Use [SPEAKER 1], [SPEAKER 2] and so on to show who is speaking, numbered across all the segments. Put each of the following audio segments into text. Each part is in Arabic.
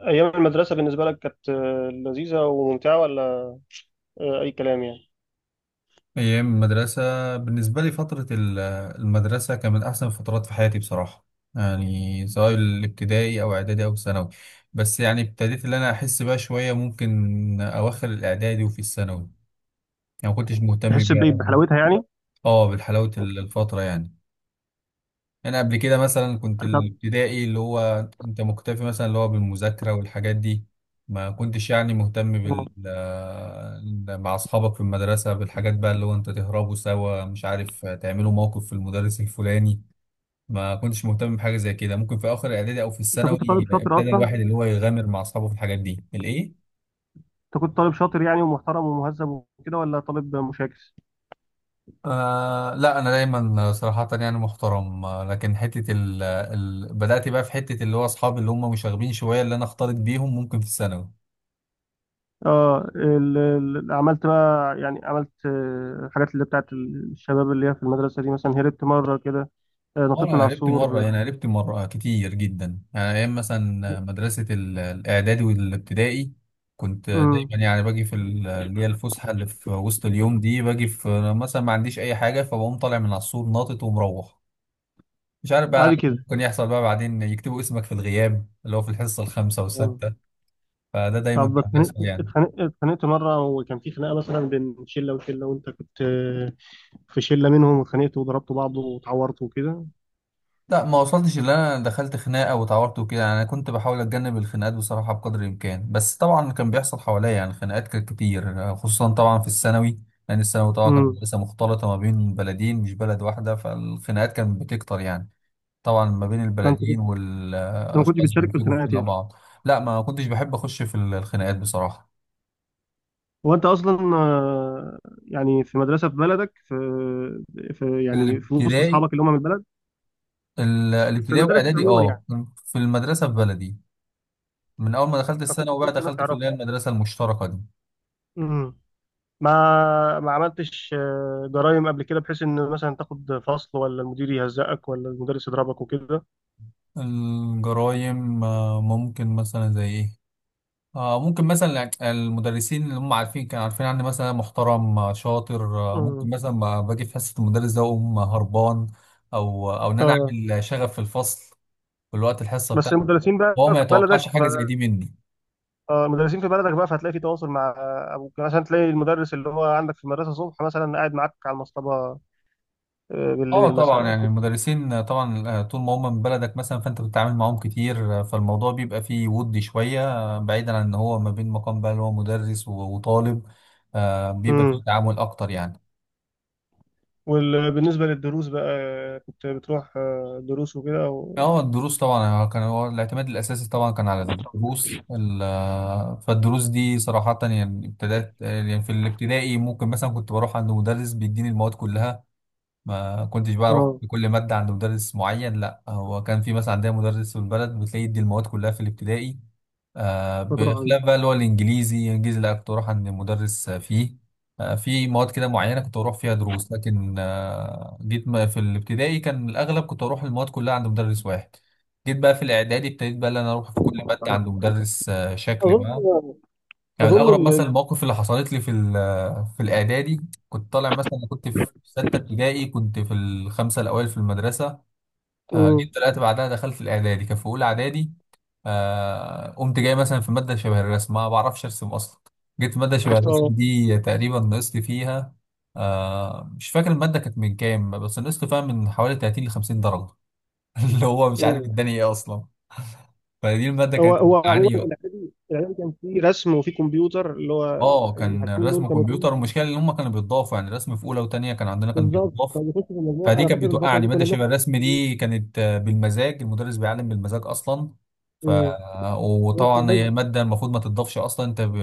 [SPEAKER 1] أيام المدرسة بالنسبة لك كانت لذيذة وممتعة ولا أي كلام يعني؟
[SPEAKER 2] أيام المدرسة بالنسبة لي فترة المدرسة كانت من أحسن الفترات في حياتي بصراحة، يعني سواء الابتدائي أو إعدادي أو ثانوي. بس يعني ابتديت اللي أنا أحس بقى شوية ممكن أواخر الإعدادي وفي الثانوي يعني ما كنتش مهتم
[SPEAKER 1] تحس
[SPEAKER 2] بيها
[SPEAKER 1] بايه
[SPEAKER 2] أوي.
[SPEAKER 1] بحلاوتها يعني
[SPEAKER 2] أه بالحلاوة الفترة يعني. انا قبل كده مثلا كنت
[SPEAKER 1] انت
[SPEAKER 2] الابتدائي اللي هو انت مكتفي مثلا اللي هو بالمذاكره والحاجات دي، ما كنتش يعني مهتم بال
[SPEAKER 1] آه.
[SPEAKER 2] مع اصحابك في المدرسه بالحاجات بقى اللي هو انت تهربوا سوا مش عارف، تعملوا موقف في المدرس الفلاني. ما كنتش مهتم بحاجه زي كده، ممكن في اخر الاعدادي او في
[SPEAKER 1] انت
[SPEAKER 2] الثانوي
[SPEAKER 1] كنت طالب شاطر
[SPEAKER 2] ابتدى
[SPEAKER 1] اصلا.
[SPEAKER 2] الواحد اللي هو يغامر مع اصحابه في الحاجات دي الايه.
[SPEAKER 1] انت كنت طالب شاطر يعني ومحترم ومهذب، وكده ولا طالب مشاكس؟
[SPEAKER 2] آه لا، انا دايما صراحه يعني محترم، لكن حته ال بدات بقى في حته اللي هو اصحابي اللي هم مشاغبين شويه اللي انا اختلط بيهم ممكن في الثانوي.
[SPEAKER 1] اه، عملت بقى يعني عملت الحاجات اللي بتاعت الشباب اللي هي في المدرسه دي، مثلا هربت مره كده،
[SPEAKER 2] اه
[SPEAKER 1] نطيت من
[SPEAKER 2] انا
[SPEAKER 1] على
[SPEAKER 2] قربت مره،
[SPEAKER 1] السور.
[SPEAKER 2] يعني قربت مره كتير جدا، يعني ايام مثلا مدرسه الاعدادي والابتدائي كنت
[SPEAKER 1] امم.
[SPEAKER 2] دايما يعني باجي في اللي هي الفسحه اللي في وسط اليوم دي، باجي في مثلا ما عنديش اي حاجه، فبقوم طالع من على السور ناطط ومروح. مش عارف بقى،
[SPEAKER 1] عادي كده.
[SPEAKER 2] ممكن يحصل بقى بعدين يكتبوا اسمك في الغياب اللي هو في الحصه الخامسه
[SPEAKER 1] آه.
[SPEAKER 2] والسادسه. فده دايما
[SPEAKER 1] طب،
[SPEAKER 2] كان
[SPEAKER 1] اتخانقت
[SPEAKER 2] بيحصل يعني.
[SPEAKER 1] اتخانقت اتخانقت مره، وكان في خناقه مثلا بين شله وشله، وانت كنت في شله منهم، واتخانقت وضربت بعض واتعورت وكده؟
[SPEAKER 2] لا ما وصلتش اللي انا دخلت خناقه واتعورت وكده، يعني انا كنت بحاول اتجنب الخناقات بصراحه بقدر الامكان، بس طبعا كان بيحصل حواليا يعني خناقات كانت كتير، خصوصا طبعا في الثانوي. لان الثانوي طبعا كان
[SPEAKER 1] امم.
[SPEAKER 2] مدرسه مختلطه ما بين بلدين مش بلد واحده، فالخناقات كانت بتكتر يعني. طبعا ما بين
[SPEAKER 1] فانت كنت،
[SPEAKER 2] البلدين
[SPEAKER 1] انت ما كنتش
[SPEAKER 2] والاشخاص
[SPEAKER 1] بتشارك في
[SPEAKER 2] بيمسكوا في
[SPEAKER 1] الخناقات
[SPEAKER 2] خناق
[SPEAKER 1] يعني؟
[SPEAKER 2] بعض. لا ما كنتش بحب اخش في الخناقات بصراحه.
[SPEAKER 1] هو انت اصلا يعني في مدرسه في بلدك، في يعني في وسط
[SPEAKER 2] الابتدائي،
[SPEAKER 1] اصحابك اللي هم من البلد، في
[SPEAKER 2] الابتدائي
[SPEAKER 1] المدارس
[SPEAKER 2] واعدادي
[SPEAKER 1] عموما
[SPEAKER 2] اه.
[SPEAKER 1] يعني؟
[SPEAKER 2] في المدرسه في بلدي. من أول ما دخلت
[SPEAKER 1] فكنت
[SPEAKER 2] الثانوي
[SPEAKER 1] في
[SPEAKER 2] بقى
[SPEAKER 1] وسط الناس
[SPEAKER 2] دخلت في اللي
[SPEAKER 1] تعرفها.
[SPEAKER 2] هي المدرسة المشتركة دي.
[SPEAKER 1] امم. ما عملتش جرايم قبل كده، بحيث ان مثلا تاخد فصل، ولا المدير يهزقك، ولا المدرس يضربك وكده؟
[SPEAKER 2] الجرايم، ممكن مثلا زي إيه. ممكن مثلا المدرسين اللي هم عارفين، كانوا عارفين عني مثلا محترم، شاطر.
[SPEAKER 1] امم.
[SPEAKER 2] ممكن مثلا ما باجي في حصة المدرس ده أقوم هربان. أو إن أنا
[SPEAKER 1] اه.
[SPEAKER 2] أعمل شغب في الفصل في الوقت الحصة
[SPEAKER 1] بس
[SPEAKER 2] بتاعته،
[SPEAKER 1] المدرسين بقى
[SPEAKER 2] وهو ما
[SPEAKER 1] في
[SPEAKER 2] يتوقعش
[SPEAKER 1] بلدك،
[SPEAKER 2] حاجة زي دي مني.
[SPEAKER 1] مدرسين في بلدك بقى، فهتلاقي في تواصل مع ابوك، يعني مثلا تلاقي المدرس اللي هو عندك في المدرسه الصبح مثلا قاعد معاك على المصطبه
[SPEAKER 2] اه
[SPEAKER 1] بالليل مثلا
[SPEAKER 2] طبعا،
[SPEAKER 1] او
[SPEAKER 2] يعني
[SPEAKER 1] كده.
[SPEAKER 2] المدرسين طبعا طول ما هم من بلدك مثلا فانت بتتعامل معاهم كتير، فالموضوع بيبقى فيه ود شويه. بعيدا عن ان هو ما بين مقام بقى اللي هو مدرس وطالب، بيبقى
[SPEAKER 1] امم.
[SPEAKER 2] فيه تعامل اكتر يعني.
[SPEAKER 1] وبالنسبه للدروس بقى، كنت بتروح دروس وكده او
[SPEAKER 2] اه الدروس طبعا، كان هو الاعتماد الاساسي، طبعا كان على الدروس فالدروس دي صراحه يعني ابتدات، يعني في الابتدائي ممكن مثلا كنت بروح عند مدرس بيديني المواد كلها. ما كنتش بقى اروح
[SPEAKER 1] اه.
[SPEAKER 2] بكل ماده عند مدرس معين، لا هو كان في مثلا عندنا مدرس في البلد بتلاقي يدي المواد كلها في الابتدائي. آه
[SPEAKER 1] بتروح عندك؟
[SPEAKER 2] بخلاف بقى اللي هو الانجليزي، الانجليزي لا كنت اروح عند مدرس فيه. آه في مواد كده معينه كنت اروح فيها دروس، لكن آه جيت في الابتدائي كان الاغلب كنت اروح المواد كلها عند مدرس واحد. جيت بقى في الاعدادي ابتديت بقى ان انا اروح في كل ماده عند مدرس آه شكل بقى.
[SPEAKER 1] اظن
[SPEAKER 2] يعني
[SPEAKER 1] اظن
[SPEAKER 2] الأغرب مثلا المواقف اللي حصلت لي في في الإعدادي، كنت طالع مثلا كنت في ستة ابتدائي كنت في الخمسة الأوائل في المدرسة.
[SPEAKER 1] مم.
[SPEAKER 2] جيت طلعت بعدها دخلت الإعدادي كان في أولى إعدادي. قمت جاي مثلا في مادة شبه الرسم ما بعرفش أرسم أصلا، جيت في مادة شبه الرسم
[SPEAKER 1] اه.
[SPEAKER 2] دي تقريبا نقصت فيها. مش فاكر المادة كانت من كام، بس نقصت فيها من حوالي 30 ل 50 درجة. اللي هو مش عارف
[SPEAKER 1] مم.
[SPEAKER 2] الدنيا إيه أصلا. فدي المادة
[SPEAKER 1] هو
[SPEAKER 2] كانت
[SPEAKER 1] هو عموما،
[SPEAKER 2] بتعاني.
[SPEAKER 1] الاعدادي الاعدادي كان فيه رسم وفيه كمبيوتر، اللي هو
[SPEAKER 2] اه كان
[SPEAKER 1] الحاجتين دول
[SPEAKER 2] رسم
[SPEAKER 1] كانوا فيه
[SPEAKER 2] كمبيوتر، والمشكله ان هم كانوا بيتضافوا، يعني رسم في اولى وثانيه كان عندنا كان
[SPEAKER 1] بالظبط.
[SPEAKER 2] بيتضاف.
[SPEAKER 1] فبيخش في المجموع.
[SPEAKER 2] فدي
[SPEAKER 1] انا
[SPEAKER 2] كانت
[SPEAKER 1] فاكر الفتره
[SPEAKER 2] بتوقعني،
[SPEAKER 1] دي كنا
[SPEAKER 2] ماده شبه
[SPEAKER 1] بناخد
[SPEAKER 2] الرسم
[SPEAKER 1] كمبيوتر.
[SPEAKER 2] دي كانت بالمزاج، المدرس بيعلم بالمزاج اصلا. ف
[SPEAKER 1] مم. بس
[SPEAKER 2] وطبعا هي
[SPEAKER 1] بس-
[SPEAKER 2] ماده المفروض ما تتضافش اصلا، انت ب...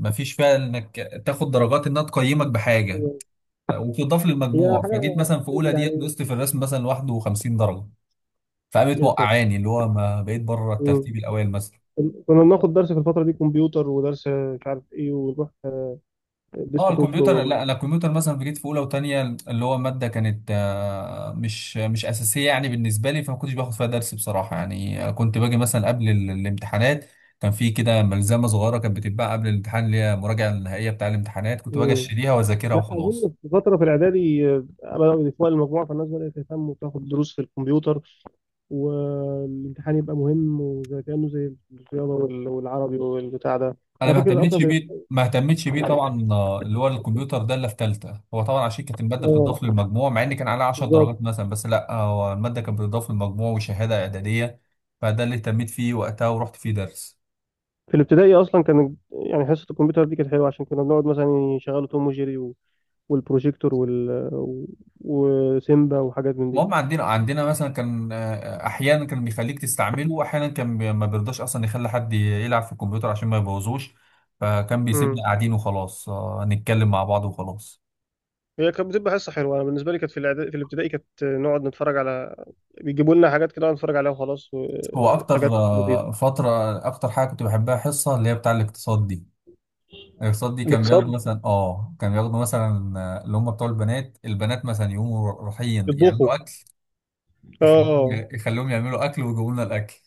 [SPEAKER 2] ما فيش فيها انك تاخد درجات انها تقيمك بحاجه.
[SPEAKER 1] آه،
[SPEAKER 2] وبتضاف
[SPEAKER 1] هي
[SPEAKER 2] للمجموع، فجيت
[SPEAKER 1] حاجة
[SPEAKER 2] مثلا في اولى ديت
[SPEAKER 1] يعني.
[SPEAKER 2] نقصت في الرسم مثلا 51 درجه، فقامت
[SPEAKER 1] يا ساتر.
[SPEAKER 2] موقعاني اللي هو ما بقيت بره
[SPEAKER 1] مم.
[SPEAKER 2] الترتيب الاوائل مثلا.
[SPEAKER 1] كنا بناخد درس في الفترة دي كمبيوتر، ودرس مش عارف ايه، ونروح
[SPEAKER 2] اه
[SPEAKER 1] ديسك توب
[SPEAKER 2] الكمبيوتر لا لا، الكمبيوتر مثلا في جيت في اولى وتانية، اللي هو ماده كانت مش اساسيه يعني بالنسبه لي، فما كنتش باخد فيها درس بصراحه يعني، كنت باجي مثلا قبل الامتحانات كان في كده ملزمه صغيره كانت بتتباع قبل الامتحان اللي هي المراجعه النهائيه بتاع الامتحانات، كنت باجي
[SPEAKER 1] مم.
[SPEAKER 2] اشتريها واذاكرها
[SPEAKER 1] لا،
[SPEAKER 2] وخلاص.
[SPEAKER 1] أظن في فترة في الإعدادي بدأوا يضيفوها للمجموعة، فالناس بدأت تهتم وتاخد دروس في الكمبيوتر، والامتحان يبقى مهم وزي كأنه زي الرياضة والعربي والبتاع ده.
[SPEAKER 2] انا
[SPEAKER 1] أنا
[SPEAKER 2] ما
[SPEAKER 1] فاكر أصلا
[SPEAKER 2] اهتمتش
[SPEAKER 1] في
[SPEAKER 2] بيه، ما اهتمتش بيه طبعا اللي هو الكمبيوتر ده اللي في ثالثه، هو طبعا عشان كانت الماده بتضاف
[SPEAKER 1] آه،
[SPEAKER 2] للمجموع، مع ان كان عليها 10
[SPEAKER 1] بالظبط.
[SPEAKER 2] درجات مثلا، بس لا هو الماده كانت بتضاف للمجموع وشهاده اعداديه. فده اللي اهتميت فيه وقتها ورحت فيه درس.
[SPEAKER 1] في الابتدائي أصلا، كان يعني حصة الكمبيوتر دي كانت حلوة، عشان كنا بنقعد مثلا يشغلوا توم وجيري والبروجيكتور وسيمبا وحاجات من دي.
[SPEAKER 2] المهم عندنا مثلا كان، احيانا كان بيخليك تستعمله، واحيانا كان ما بيرضاش اصلا يخلي حد يلعب في الكمبيوتر عشان ما يبوظوش، فكان بيسيبنا
[SPEAKER 1] امم.
[SPEAKER 2] قاعدين وخلاص نتكلم مع بعض وخلاص.
[SPEAKER 1] هي كانت بتبقى حصه حلوه. انا بالنسبه لي كانت في الابتدائي كانت نقعد نتفرج على، بيجيبوا لنا حاجات كده نقعد نتفرج عليها وخلاص
[SPEAKER 2] هو اكتر
[SPEAKER 1] حاجات لذيذه.
[SPEAKER 2] فتره، اكتر حاجه كنت بحبها حصه اللي هي بتاع الاقتصاد دي. الاقساط دي كان بياخدوا
[SPEAKER 1] الاقتصاد.
[SPEAKER 2] مثلا اه، كان بياخدوا مثلا اللي هم بتوع البنات، البنات مثلا يقوموا رايحين
[SPEAKER 1] يطبخوا.
[SPEAKER 2] يعملوا اكل، يخليهم
[SPEAKER 1] اه.
[SPEAKER 2] يخليهم يعملوا اكل ويجيبوا لنا الاكل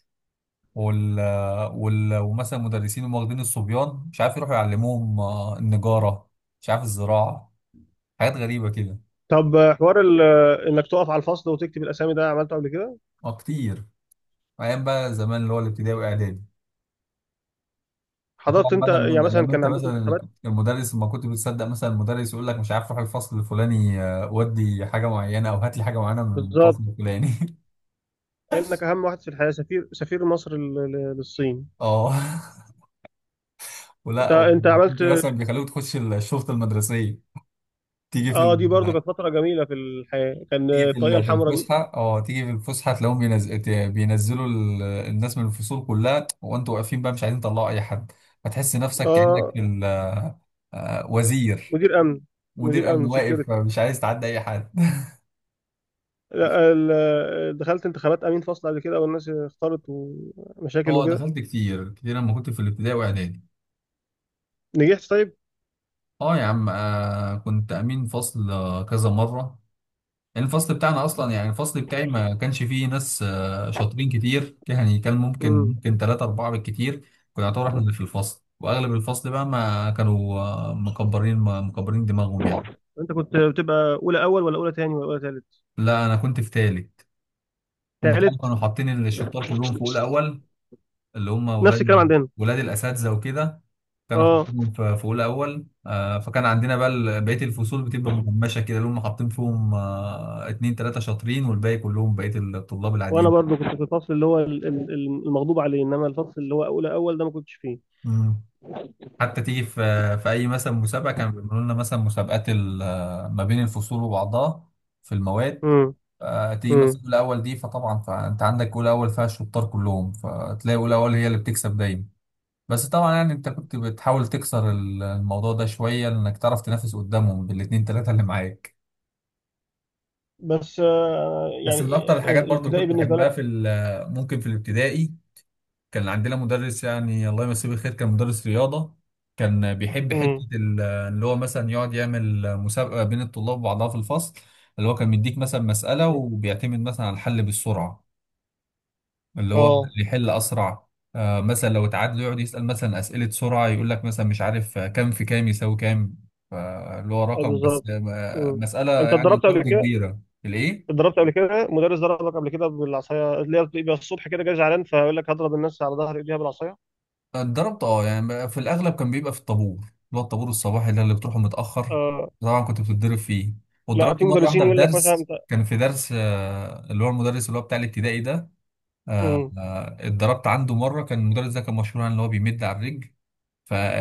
[SPEAKER 2] وال... آه، وال... ومثلا مدرسين هم واخدين الصبيان، مش عارف يروحوا يعلموهم النجاره، مش عارف الزراعه، حاجات غريبه كده.
[SPEAKER 1] طب، حوار انك تقف على الفصل وتكتب الاسامي ده، عملته قبل كده؟
[SPEAKER 2] اه كتير، ايام بقى زمان اللي هو الابتدائي واعدادي. وطبعا
[SPEAKER 1] حضرت انت،
[SPEAKER 2] بقى لما
[SPEAKER 1] يعني مثلا
[SPEAKER 2] لما
[SPEAKER 1] كان
[SPEAKER 2] انت
[SPEAKER 1] عندكم
[SPEAKER 2] مثلا
[SPEAKER 1] انتخابات؟
[SPEAKER 2] المدرس، ما كنت بتصدق مثلا المدرس يقول لك مش عارف روح الفصل الفلاني، ودي حاجه معينه او هات لي حاجه معينه من
[SPEAKER 1] بالظبط.
[SPEAKER 2] الفصل الفلاني.
[SPEAKER 1] لانك اهم واحد في الحياه، سفير سفير مصر للصين.
[SPEAKER 2] اه ولا
[SPEAKER 1] انت
[SPEAKER 2] وكنت
[SPEAKER 1] عملت.
[SPEAKER 2] مثلا بيخلوك تخش الشرطه المدرسيه، تيجي في
[SPEAKER 1] اه. دي برضو
[SPEAKER 2] ال...
[SPEAKER 1] كانت فتره جميله في الحياه، كان
[SPEAKER 2] تيجي في
[SPEAKER 1] الطاقيه
[SPEAKER 2] في
[SPEAKER 1] الحمراء دي.
[SPEAKER 2] الفسحه، اه تيجي في الفسحه تلاقيهم بينزلوا الناس من الفصول كلها، وانتوا واقفين بقى مش عايزين تطلعوا اي حد. هتحس نفسك كانك
[SPEAKER 1] اه.
[SPEAKER 2] في ال... وزير،
[SPEAKER 1] مدير امن.
[SPEAKER 2] مدير
[SPEAKER 1] مدير
[SPEAKER 2] امن
[SPEAKER 1] امن
[SPEAKER 2] واقف
[SPEAKER 1] سكيورتي.
[SPEAKER 2] مش عايز تعدي اي حد.
[SPEAKER 1] لا، دخلت انتخابات امين فصل قبل كده، والناس اختارت، ومشاكل
[SPEAKER 2] اه
[SPEAKER 1] وكده.
[SPEAKER 2] دخلت كتير كتير لما كنت في الابتدائي واعدادي.
[SPEAKER 1] نجحت، طيب.
[SPEAKER 2] اه يا عم آه كنت امين فصل كذا مره. الفصل بتاعنا اصلا يعني الفصل بتاعي ما كانش فيه ناس شاطرين كتير يعني، كان ممكن،
[SPEAKER 1] امم.
[SPEAKER 2] ممكن ثلاثة أربعة بالكتير كنا نعتبر احنا اللي في الفصل، واغلب الفصل بقى ما كانوا مكبرين دماغهم يعني.
[SPEAKER 1] انت كنت بتبقى اولى اول، ولا اولى تاني، ولا اولى تالت؟
[SPEAKER 2] لا انا كنت في تالت. هم طبعا
[SPEAKER 1] تالت.
[SPEAKER 2] كانوا حاطين الشطار كلهم في اولى اول، اللي هم
[SPEAKER 1] نفس الكلام
[SPEAKER 2] ولاد،
[SPEAKER 1] عندنا.
[SPEAKER 2] ولاد الاساتذه وكده. كانوا
[SPEAKER 1] اه.
[SPEAKER 2] حاطينهم في اولى اول، فكان عندنا بقى بقيه الفصول بتبقى مهمشه كده، اللي هم حاطين فيهم اتنين تلاته شاطرين، والباقي كلهم بقيه الطلاب
[SPEAKER 1] وانا
[SPEAKER 2] العاديين.
[SPEAKER 1] برضو كنت في الفصل اللي هو المغضوب عليه، انما الفصل اللي هو اولى اول ده ما كنتش فيه.
[SPEAKER 2] حتى تيجي في، في اي مثلا مسابقه كانوا بيعملوا لنا مثلا مسابقات ما بين الفصول وبعضها في المواد،
[SPEAKER 1] امم.
[SPEAKER 2] تيجي
[SPEAKER 1] امم.
[SPEAKER 2] مثلا اولى اول دي فطبعا فانت عندك اولى اول فيها الشطار كلهم، فتلاقي اولى اول هي اللي بتكسب دايما. بس طبعا يعني انت كنت بتحاول تكسر الموضوع ده شويه، انك تعرف تنافس قدامهم بالاتنين تلاته اللي معاك.
[SPEAKER 1] بس
[SPEAKER 2] بس من
[SPEAKER 1] يعني
[SPEAKER 2] اكتر الحاجات برضو اللي
[SPEAKER 1] الابتدائي
[SPEAKER 2] كنت
[SPEAKER 1] بالنسبه
[SPEAKER 2] بحبها
[SPEAKER 1] لك؟
[SPEAKER 2] في ممكن في الابتدائي، كان عندنا مدرس، يعني الله يمسيه بالخير، كان مدرس رياضة. كان بيحب حتة
[SPEAKER 1] امم.
[SPEAKER 2] اللي هو مثلا يقعد يعمل مسابقة بين الطلاب وبعضها في الفصل، اللي هو كان بيديك مثلا مسألة وبيعتمد مثلا على الحل بالسرعة، اللي هو مم.
[SPEAKER 1] اه.
[SPEAKER 2] اللي يحل أسرع. آه مثلا لو اتعادلوا يقعد يسأل مثلا أسئلة سرعة، يقول لك مثلا مش عارف كام في كام يساوي كام، فاللي هو
[SPEAKER 1] أي،
[SPEAKER 2] رقم بس
[SPEAKER 1] بالظبط. امم.
[SPEAKER 2] مسألة
[SPEAKER 1] انت
[SPEAKER 2] يعني
[SPEAKER 1] اتدربت قبل
[SPEAKER 2] ضرب
[SPEAKER 1] كده
[SPEAKER 2] كبيرة. الإيه؟
[SPEAKER 1] اتضربت قبل كده، مدرس ضربك قبل كده بالعصايه، اللي هي بتبقى الصبح كده جاي زعلان، فيقول لك هضرب الناس على ظهر ايديها بالعصايه؟
[SPEAKER 2] اتدربت اه، يعني بقى في الاغلب كان بيبقى في الطابور اللي هو الطابور الصباحي ده اللي بتروحه متاخر،
[SPEAKER 1] آه،
[SPEAKER 2] طبعا كنت بتتضرب فيه.
[SPEAKER 1] لا،
[SPEAKER 2] واتضربت
[SPEAKER 1] في
[SPEAKER 2] مره
[SPEAKER 1] مدرسين
[SPEAKER 2] واحده في
[SPEAKER 1] يقول لك مثلا
[SPEAKER 2] درس،
[SPEAKER 1] انت.
[SPEAKER 2] كان في درس اللي هو المدرس اللي هو بتاع الابتدائي ده،
[SPEAKER 1] امم.
[SPEAKER 2] اتضربت عنده مره، كان المدرس ده كان مشهور عن اللي هو بيمد على الرجل.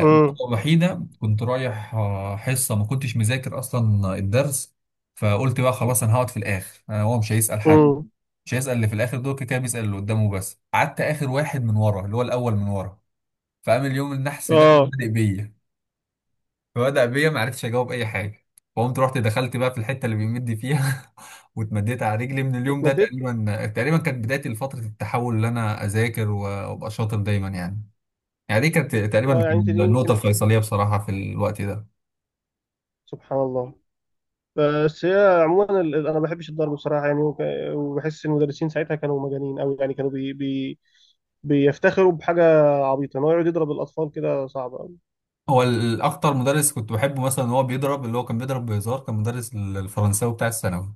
[SPEAKER 1] امم.
[SPEAKER 2] الوحيده كنت رايح حصه ما كنتش مذاكر اصلا الدرس، فقلت بقى خلاص انا هقعد في الاخر، انا هو مش هيسال حد،
[SPEAKER 1] امم.
[SPEAKER 2] مش هيسال اللي في الاخر دول كده كده بيسال اللي قدامه، بس قعدت اخر واحد من ورا اللي هو الاول من ورا. فقام اليوم النحس ده قام
[SPEAKER 1] اه.
[SPEAKER 2] بادئ بيا، فبدأ بيا ما عرفتش اجاوب اي حاجه. فقمت رحت دخلت بقى في الحته اللي بيمد فيها، واتمديت على رجلي. من اليوم ده
[SPEAKER 1] واتمددت.
[SPEAKER 2] تقريبا، تقريبا كانت بدايتي لفتره التحول اللي انا اذاكر وابقى شاطر دايما يعني. يعني دي كانت تقريبا،
[SPEAKER 1] اه.
[SPEAKER 2] كانت
[SPEAKER 1] يعني انت دي ممكن
[SPEAKER 2] النقطه
[SPEAKER 1] اعتبرها،
[SPEAKER 2] الفيصليه بصراحه في الوقت ده.
[SPEAKER 1] سبحان الله. بس هي عموما انا ما بحبش الضرب بصراحه يعني وبحس ان المدرسين ساعتها كانوا مجانين قوي، يعني كانوا بي بي بيفتخروا بحاجه عبيطه، ان هو يقعد يضرب الاطفال كده، صعب قوي.
[SPEAKER 2] هو الاكتر مدرس كنت بحبه مثلا هو بيضرب، اللي هو كان بيضرب بهزار، كان مدرس الفرنساوي بتاع الثانوي،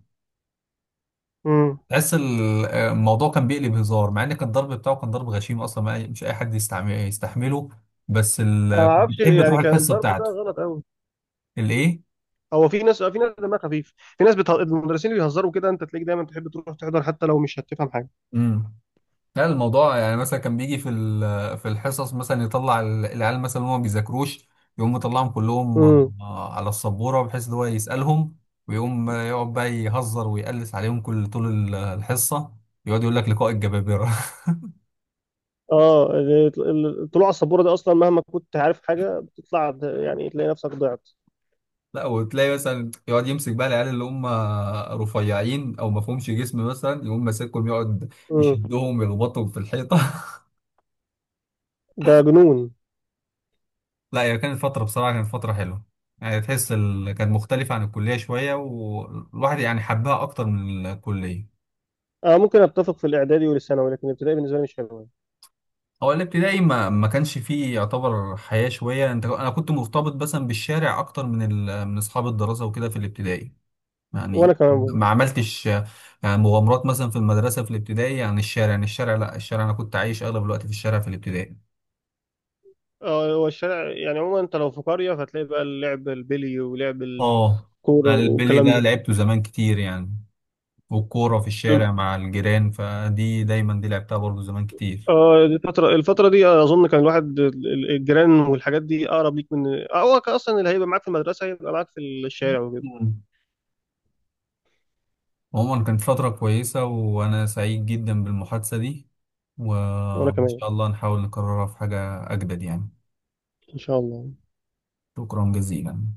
[SPEAKER 1] امم.
[SPEAKER 2] تحس الموضوع كان بيقلب هزار، مع ان كان الضرب بتاعه كان ضرب غشيم اصلا، ما مش اي حد يستعمل يستحمله، بس
[SPEAKER 1] انا ما
[SPEAKER 2] ال... كنت
[SPEAKER 1] اعرفش
[SPEAKER 2] بتحب تروح
[SPEAKER 1] يعني، كان
[SPEAKER 2] الحصه
[SPEAKER 1] الضرب ده
[SPEAKER 2] بتاعته.
[SPEAKER 1] غلط قوي.
[SPEAKER 2] الايه؟
[SPEAKER 1] هو في ناس، في ناس دمها خفيف، في ناس بتهزر المدرسين، اللي بيهزروا كده انت تلاقيك دايما تحب تروح تحضر حتى لو مش هتفهم حاجه.
[SPEAKER 2] امم، لا الموضوع يعني مثلا كان بيجي في في الحصص مثلا يطلع العيال مثلا اللي هم ما بيذاكروش، يقوم مطلعهم كلهم
[SPEAKER 1] امم.
[SPEAKER 2] على السبوره بحيث ان هو يسالهم، ويقوم يقعد بقى يهزر ويقلس عليهم كل طول الحصه، يقعد يقول لك لقاء الجبابره.
[SPEAKER 1] اه. الطلوع على السبوره ده اصلا مهما كنت عارف حاجه بتطلع يعني تلاقي نفسك ضعت.
[SPEAKER 2] لا وتلاقي مثلا يقعد يمسك بقى العيال اللي هم رفيعين او ما فيهمش جسم مثلا، يقوم ماسكهم يقعد
[SPEAKER 1] امم.
[SPEAKER 2] يشدهم يربطهم في الحيطه.
[SPEAKER 1] ده جنون.
[SPEAKER 2] لا هي كانت فتره، بصراحه كانت فتره حلوه، يعني تحس ال... كانت مختلفه عن الكليه شويه، والواحد يعني حبها اكتر من الكليه.
[SPEAKER 1] آه، ممكن اتفق في الاعدادي والثانوي، لكن الابتدائي بالنسبه لي مش حلوه.
[SPEAKER 2] هو الابتدائي ما كانش فيه يعتبر حياه شويه، انت انا كنت مرتبط مثلا بالشارع اكتر من ال... من اصحاب الدراسه وكده في الابتدائي.
[SPEAKER 1] وانا
[SPEAKER 2] يعني
[SPEAKER 1] كمان برضه.
[SPEAKER 2] ما عملتش يعني مغامرات مثلا في المدرسة في الابتدائي. يعني الشارع، يعني الشارع، لا الشارع أنا كنت عايش أغلب الوقت في الشارع في الابتدائي.
[SPEAKER 1] آه، هو الشارع يعني عموما، انت لو في قريه فتلاقي بقى اللعب، البلي ولعب
[SPEAKER 2] اه
[SPEAKER 1] الكوره
[SPEAKER 2] البلي ده
[SPEAKER 1] والكلام
[SPEAKER 2] لعبته زمان كتير يعني، والكورة في
[SPEAKER 1] ده.
[SPEAKER 2] الشارع مع الجيران، فدي دايما دي لعبتها برضو زمان كتير.
[SPEAKER 1] اه. دي الفترة، الفترة دي أظن كان الواحد الجيران والحاجات دي أقرب ليك من، هو كان أصلا اللي هيبقى معاك في المدرسة هيبقى معاك في الشارع وكده.
[SPEAKER 2] مم. عموما كانت فترة كويسة، وأنا سعيد جدا بالمحادثة دي،
[SPEAKER 1] وأنا
[SPEAKER 2] وإن
[SPEAKER 1] كمان.
[SPEAKER 2] شاء الله نحاول نكررها في حاجة أجدد يعني.
[SPEAKER 1] إن شاء الله.
[SPEAKER 2] شكرا جزيلا.